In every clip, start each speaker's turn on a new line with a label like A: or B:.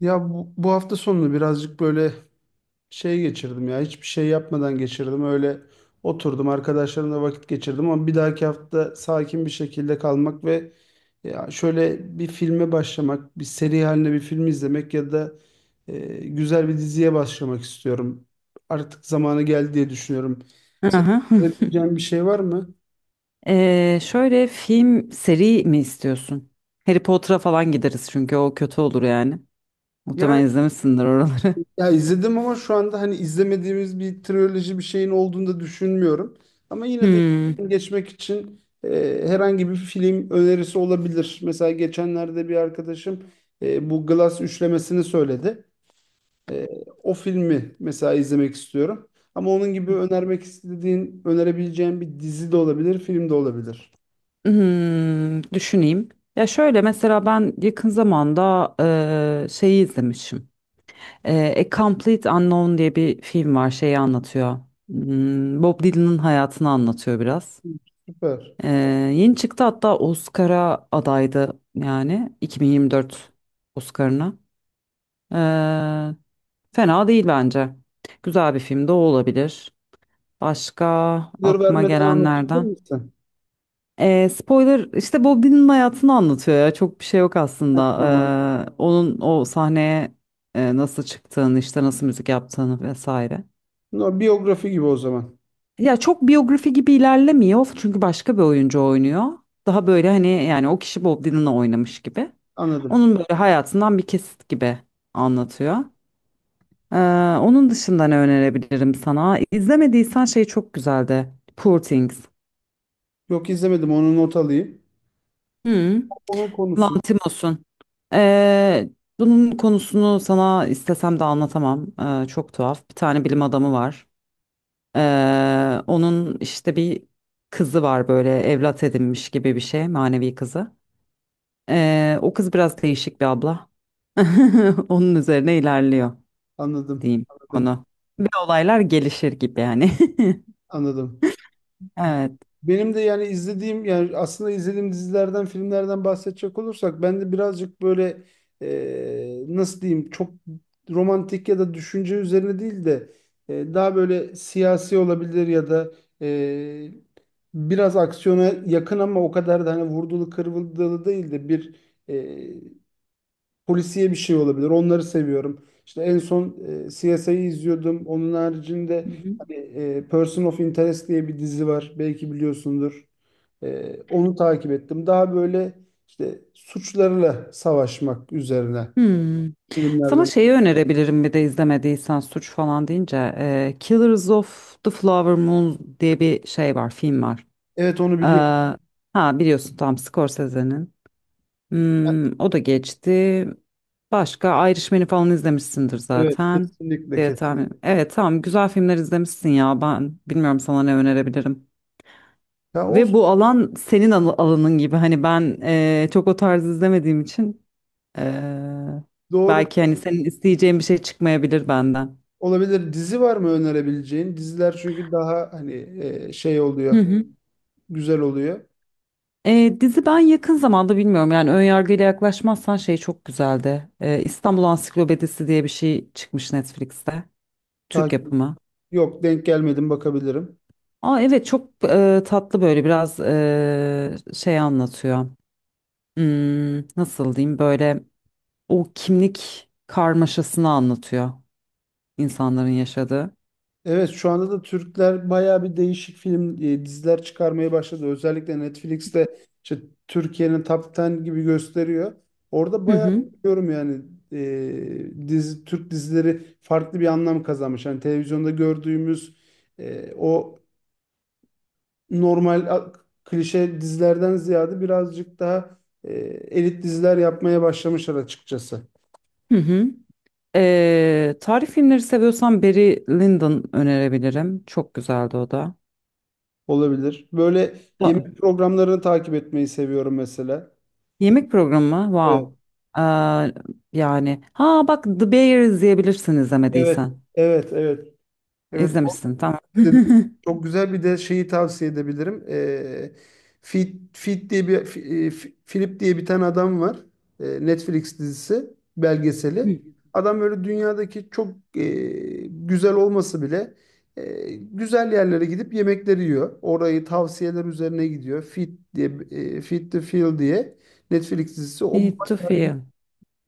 A: Ya bu hafta sonunu birazcık böyle şey geçirdim ya. Hiçbir şey yapmadan geçirdim. Öyle oturdum arkadaşlarımla vakit geçirdim ama bir dahaki hafta sakin bir şekilde kalmak ve ya şöyle bir filme başlamak, bir seri halinde bir film izlemek ya da güzel bir diziye başlamak istiyorum. Artık zamanı geldi diye düşünüyorum. Senin
B: Aha. Hı.
A: yapabileceğin bir şey var mı?
B: Şöyle film seri mi istiyorsun? Harry Potter'a falan gideriz çünkü o kötü olur yani.
A: Yani.
B: Muhtemelen izlemişsindir oraları.
A: Ya izledim ama şu anda hani izlemediğimiz bir triyoloji bir şeyin olduğunu da düşünmüyorum. Ama yine de
B: Hmm.
A: geçmek için herhangi bir film önerisi olabilir. Mesela geçenlerde bir arkadaşım bu Glass üçlemesini söyledi. E, O filmi mesela izlemek istiyorum. Ama onun gibi önermek istediğin, önerebileceğin bir dizi de olabilir, film de olabilir.
B: Hmm, düşüneyim. Ya şöyle mesela ben yakın zamanda şeyi izlemişim. A Complete Unknown diye bir film var. Şeyi anlatıyor. Hmm, Bob Dylan'ın hayatını anlatıyor biraz.
A: Süper.
B: Eee, yeni çıktı, hatta Oscar'a adaydı, yani 2024 Oscar'ına. Fena değil bence. Güzel bir film de o olabilir. Başka
A: Spoiler
B: aklıma
A: vermeden anlatabilir
B: gelenlerden.
A: misin?
B: Spoiler işte Bob Dylan'ın hayatını anlatıyor ya. Çok bir şey yok
A: Ha,
B: aslında.
A: tamam.
B: Onun o sahneye nasıl çıktığını, işte nasıl müzik yaptığını vesaire.
A: No, biyografi gibi o zaman.
B: Ya çok biyografi gibi ilerlemiyor çünkü başka bir oyuncu oynuyor. Daha böyle hani yani o kişi Bob Dylan'la oynamış gibi.
A: Anladım.
B: Onun böyle hayatından bir kesit gibi anlatıyor. Ee, onun dışında ne önerebilirim sana? İzlemediysen şey çok güzeldi. Poor Things.
A: Yok, izlemedim, onu not alayım.
B: Hı.
A: Onun konusunu
B: Lantimos'un. Ee, bunun konusunu sana istesem de anlatamam. Çok tuhaf. Bir tane bilim adamı var. Onun işte bir kızı var, böyle evlat edinmiş gibi bir şey, manevi kızı. O kız biraz değişik bir abla. Onun üzerine ilerliyor
A: anladım,
B: diyeyim
A: anladım,
B: onu. Ve olaylar gelişir gibi yani.
A: anladım.
B: Evet.
A: Benim de yani izlediğim yani aslında izlediğim dizilerden, filmlerden bahsedecek olursak ben de birazcık böyle, nasıl diyeyim, çok romantik ya da düşünce üzerine değil de daha böyle siyasi olabilir ya da e, biraz aksiyona yakın ama o kadar da hani vurdulu kırıldılı değil de bir e, polisiye bir şey olabilir. Onları seviyorum. İşte en son CSI'yi izliyordum. Onun haricinde hani, Person of Interest diye bir dizi var. Belki biliyorsundur. Onu takip ettim. Daha böyle işte suçlarla savaşmak üzerine
B: Hmm. Sana
A: filmlerden.
B: şeyi önerebilirim, bir de izlemediysen suç falan deyince Killers of the Flower Moon diye bir şey var, film var.
A: Evet, onu
B: E,
A: biliyorum.
B: ha biliyorsun, tam Scorsese'nin. Hmm, o da geçti. Başka Irishman'i falan izlemişsindir
A: Evet,
B: zaten.
A: kesinlikle kesinlikle.
B: Evet, tamam, güzel filmler izlemişsin ya, ben bilmiyorum sana ne önerebilirim.
A: Ya
B: Ve
A: olsun.
B: bu alan senin alanın gibi hani, ben çok o tarz izlemediğim için. Ee,
A: Doğru
B: belki hani senin isteyeceğin bir şey çıkmayabilir benden.
A: olabilir. Dizi var mı önerebileceğin? Diziler çünkü daha hani şey
B: Hı
A: oluyor.
B: hı.
A: Güzel oluyor.
B: Dizi, ben yakın zamanda bilmiyorum yani, ön yargıyla yaklaşmazsan şey çok güzeldi. İstanbul Ansiklopedisi diye bir şey çıkmış Netflix'te. Türk
A: Takip-
B: yapımı.
A: Yok, denk gelmedim, bakabilirim.
B: Aa evet, çok tatlı böyle, biraz şey anlatıyor. Hmm, nasıl diyeyim, böyle o kimlik karmaşasını anlatıyor insanların yaşadığı.
A: Evet, şu anda da Türkler bayağı bir değişik film diziler çıkarmaya başladı. Özellikle Netflix'te işte Türkiye'nin Top 10 gibi gösteriyor. Orada
B: Hı
A: bayağı
B: hı.
A: diyorum yani e, dizi Türk dizileri farklı bir anlam kazanmış. Yani televizyonda gördüğümüz o normal klişe dizilerden ziyade birazcık daha e, elit diziler yapmaya başlamışlar açıkçası.
B: Hı hı. Tarih filmleri seviyorsan Barry Lyndon önerebilirim. Çok güzeldi o da.
A: Olabilir. Böyle
B: Ba-
A: yemek programlarını takip etmeyi seviyorum mesela.
B: Yemek programı, wow. Ee, yani ha bak, The Bear izleyebilirsin
A: Evet,
B: izlemediysen.
A: evet, evet. Evet,
B: İzlemişsin, tamam.
A: dedi. Çok güzel, bir de şeyi tavsiye edebilirim. Fit, Fit diye bir Fi- Philip diye bir tane adam var. Netflix dizisi, belgeseli. Adam böyle dünyadaki çok e, güzel olması bile güzel yerlere gidip yemekleri yiyor. Orayı tavsiyeler üzerine gidiyor. Fit diye, Fit the Feel diye Netflix dizisi. O
B: Eat to
A: bayağı
B: Feel.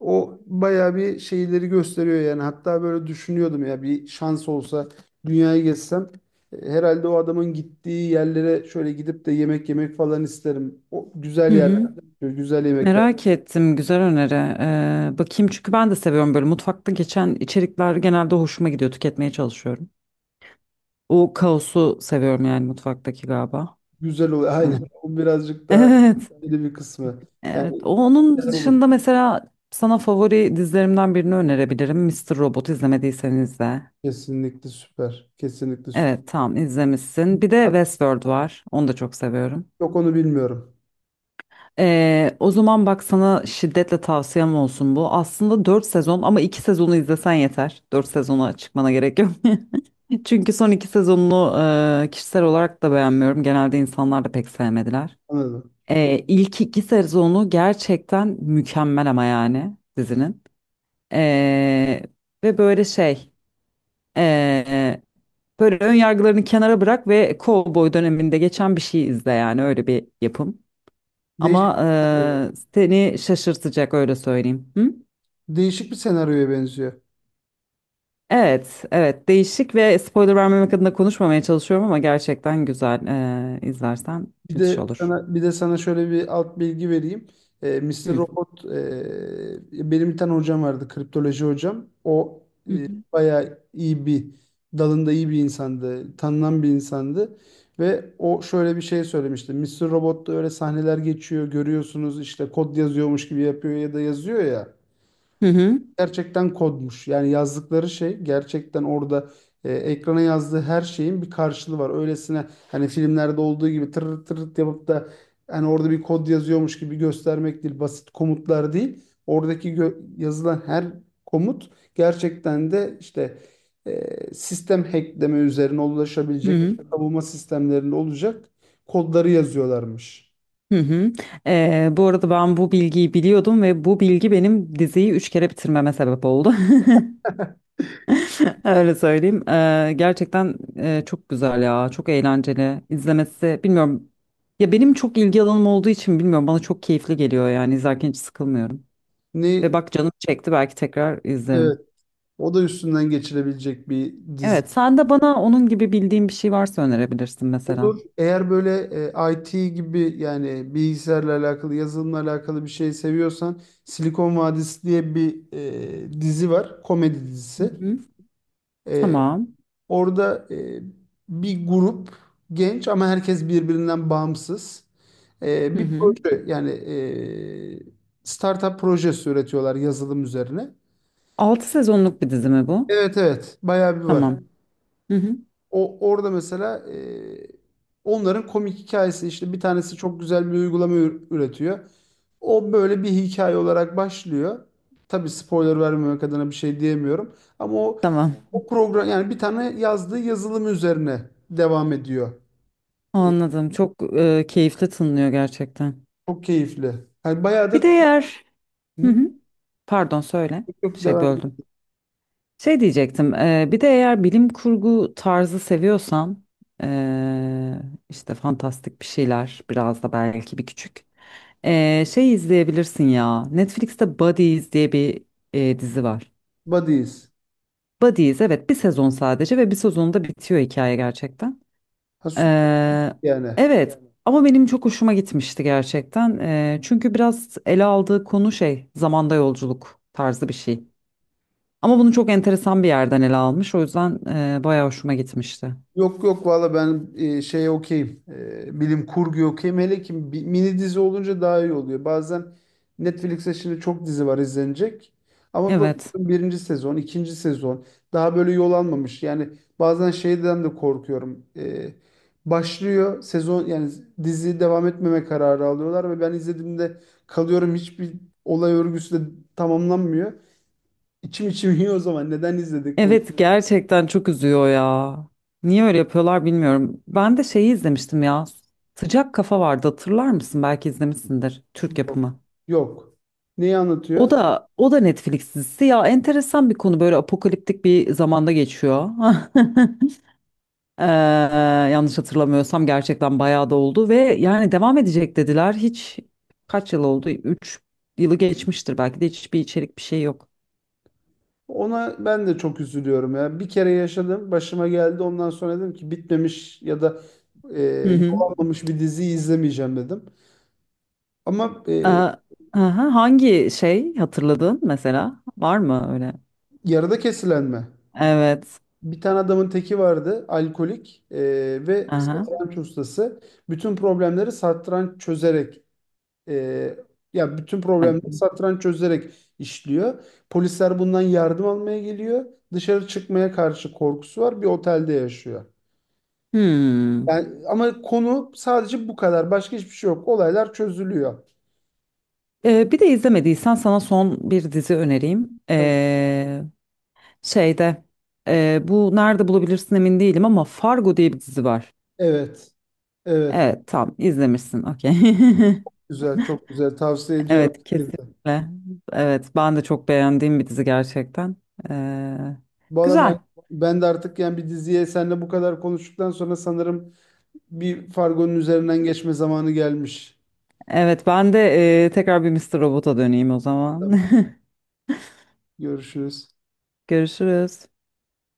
A: o bayağı bir şeyleri gösteriyor yani. Hatta böyle düşünüyordum ya, bir şans olsa dünyayı gezsem herhalde o adamın gittiği yerlere şöyle gidip de yemek yemek falan isterim. O güzel
B: Hı
A: yerler,
B: hı.
A: böyle güzel yemekler,
B: Merak ettim, güzel öneri. Bakayım çünkü ben de seviyorum, böyle mutfakta geçen içerikler genelde hoşuma gidiyor, tüketmeye çalışıyorum. O kaosu seviyorum yani, mutfaktaki galiba.
A: güzel oluyor.
B: Ha.
A: Aynen. O birazcık daha
B: Evet.
A: öyle bir kısmı.
B: Evet,
A: Yani
B: onun
A: güzel olur.
B: dışında mesela sana favori dizilerimden birini önerebilirim. Mister Robot, izlemediyseniz de.
A: Kesinlikle süper. Kesinlikle süper.
B: Evet, tamam, izlemişsin. Bir de
A: Hatta
B: Westworld var. Onu da çok seviyorum.
A: yok, onu bilmiyorum.
B: O zaman bak, sana şiddetle tavsiyem olsun bu. Aslında 4 sezon ama 2 sezonu izlesen yeter. 4 sezona çıkmana gerek yok. Çünkü son 2 sezonunu kişisel olarak da beğenmiyorum. Genelde insanlar da pek sevmediler.
A: Anladım.
B: İlk iki sezonu gerçekten mükemmel ama, yani dizinin. Ee, ve böyle ee, böyle ön yargılarını kenara bırak ve Cowboy döneminde geçen bir şey izle, yani öyle bir yapım.
A: Değişik,
B: Ama seni şaşırtacak, öyle söyleyeyim. Hı?
A: değişik bir senaryoya benziyor.
B: Evet, evet, değişik ve spoiler vermemek adına konuşmamaya çalışıyorum ama gerçekten güzel. İzlersen
A: Bir
B: müthiş
A: de
B: olur.
A: sana bir de sana şöyle bir alt bilgi vereyim. Mr.
B: Hı.
A: Robot, benim bir tane hocam vardı, kriptoloji hocam. O
B: Hı hı.
A: bayağı iyi bir, dalında iyi bir insandı, tanınan bir insandı ve o şöyle bir şey söylemişti. Mr. Robot'ta öyle sahneler geçiyor, görüyorsunuz işte kod yazıyormuş gibi yapıyor ya da yazıyor ya,
B: Hı hı.
A: gerçekten kodmuş. Yani yazdıkları şey gerçekten orada, ekrana yazdığı her şeyin bir karşılığı var. Öylesine hani filmlerde olduğu gibi tır tır yapıp da hani orada bir kod yazıyormuş gibi göstermek değil, basit komutlar değil. Oradaki yazılan her komut gerçekten de işte sistem hackleme üzerine
B: Hı
A: ulaşabilecek,
B: hı.
A: savunma sistemlerinde olacak kodları yazıyorlarmış.
B: Hı hı. Bu arada ben bu bilgiyi biliyordum ve bu bilgi benim diziyi üç kere bitirmeme sebep oldu. Öyle söyleyeyim. Gerçekten çok güzel ya. Çok eğlenceli. İzlemesi bilmiyorum. Ya benim çok ilgi alanım olduğu için bilmiyorum. Bana çok keyifli geliyor yani. İzlerken hiç sıkılmıyorum. Ve
A: Ne
B: bak, canım çekti. Belki tekrar
A: evet,
B: izlerim.
A: o da üstünden geçilebilecek bir dizi.
B: Evet. Sen de bana onun gibi bildiğin bir şey varsa önerebilirsin mesela.
A: Olur. Eğer böyle IT gibi, yani bilgisayarla alakalı, yazılımla alakalı bir şey seviyorsan Silikon Vadisi diye bir dizi var. Komedi
B: Hı
A: dizisi.
B: hı.
A: E,
B: Tamam.
A: Orada bir grup genç ama herkes birbirinden bağımsız.
B: Hı
A: Bir
B: hı.
A: proje, yani startup projesi üretiyorlar yazılım üzerine.
B: altı sezonluk bir dizi mi bu?
A: Evet, evet, bayağı bir var.
B: Tamam. Hı hı.
A: O orada mesela, onların komik hikayesi, işte bir tanesi çok güzel bir uygulama üretiyor. O böyle bir hikaye olarak başlıyor. Tabii spoiler vermemek adına bir şey diyemiyorum. Ama o,
B: Tamam.
A: o program, yani bir tane yazdığı yazılım üzerine devam ediyor.
B: Anladım. Çok keyifli tınlıyor gerçekten.
A: Çok keyifli. Yani bayağı
B: Bir
A: da.
B: de eğer... Hı
A: Hı?
B: hı. Pardon, söyle.
A: Çok
B: Şey,
A: devam.
B: böldüm. Şey diyecektim, bir de eğer bilim kurgu tarzı seviyorsan, e, işte fantastik bir şeyler, biraz da belki bir küçük. Şey izleyebilirsin ya, Netflix'te Buddies diye bir dizi var.
A: Buddies.
B: Buddies, evet, bir sezon sadece ve bir sezonda bitiyor hikaye gerçekten.
A: Ha, süper
B: E,
A: yani.
B: evet, ama benim çok hoşuma gitmişti gerçekten. Çünkü biraz ele aldığı konu şey, zamanda yolculuk tarzı bir şey. Ama bunu çok enteresan bir yerden ele almış. O yüzden bayağı hoşuma gitmişti.
A: Yok yok, valla ben şey okeyim. Bilim kurgu okeyim. Hele ki mini dizi olunca daha iyi oluyor. Bazen Netflix'te şimdi çok dizi var izlenecek. Ama bu
B: Evet.
A: birinci sezon, ikinci sezon daha böyle yol almamış. Yani bazen şeyden de korkuyorum. Başlıyor sezon, yani dizi devam etmeme kararı alıyorlar ve ben izlediğimde kalıyorum, hiçbir olay örgüsü de tamamlanmıyor. İçim içim yiyor, o zaman neden izledik bunu?
B: Evet, gerçekten çok üzüyor ya. Niye öyle yapıyorlar bilmiyorum. Ben de şeyi izlemiştim ya. Sıcak Kafa vardı, hatırlar mısın? Belki izlemişsindir. Türk yapımı.
A: Yok. Neyi anlatıyor?
B: O da Netflix dizisi ya, enteresan bir konu, böyle apokaliptik bir zamanda geçiyor. Yanlış hatırlamıyorsam gerçekten bayağı da oldu ve yani devam edecek dediler. Hiç kaç yıl oldu? 3 yılı geçmiştir belki de, hiçbir içerik bir şey yok.
A: Ona ben de çok üzülüyorum ya. Bir kere yaşadım, başıma geldi. Ondan sonra dedim ki bitmemiş ya da e,
B: Hı
A: yol
B: hı.
A: almamış bir diziyi izlemeyeceğim dedim. Ama
B: Aha, hangi şey hatırladın mesela? Var mı öyle?
A: yarıda kesilenme.
B: Evet.
A: Bir tane adamın teki vardı, alkolik ve
B: Aha.
A: satranç ustası. Bütün problemleri satranç çözerek, e, Bütün problemleri
B: Ben-
A: satranç çözerek işliyor. Polisler bundan yardım almaya geliyor. Dışarı çıkmaya karşı korkusu var. Bir otelde yaşıyor.
B: Hmm.
A: Yani ama konu sadece bu kadar. Başka hiçbir şey yok. Olaylar çözülüyor.
B: Bir de izlemediysen sana son bir dizi önereyim.
A: Tabii.
B: Şeyde bu nerede bulabilirsin emin değilim ama Fargo diye bir dizi var.
A: Evet. Evet.
B: Evet, tam izlemişsin. Okey.
A: Güzel. Çok güzel. Tavsiye ediyorum.
B: Evet,
A: herkese.
B: kesinlikle. Evet, ben de çok beğendiğim bir dizi gerçekten. Ee,
A: Valla
B: güzel.
A: ben de artık yani bir diziye seninle bu kadar konuştuktan sonra sanırım bir Fargo'nun üzerinden geçme zamanı gelmiş.
B: Evet, ben de tekrar bir Mr. Robot'a döneyim o zaman.
A: Tabii. Görüşürüz.
B: Görüşürüz.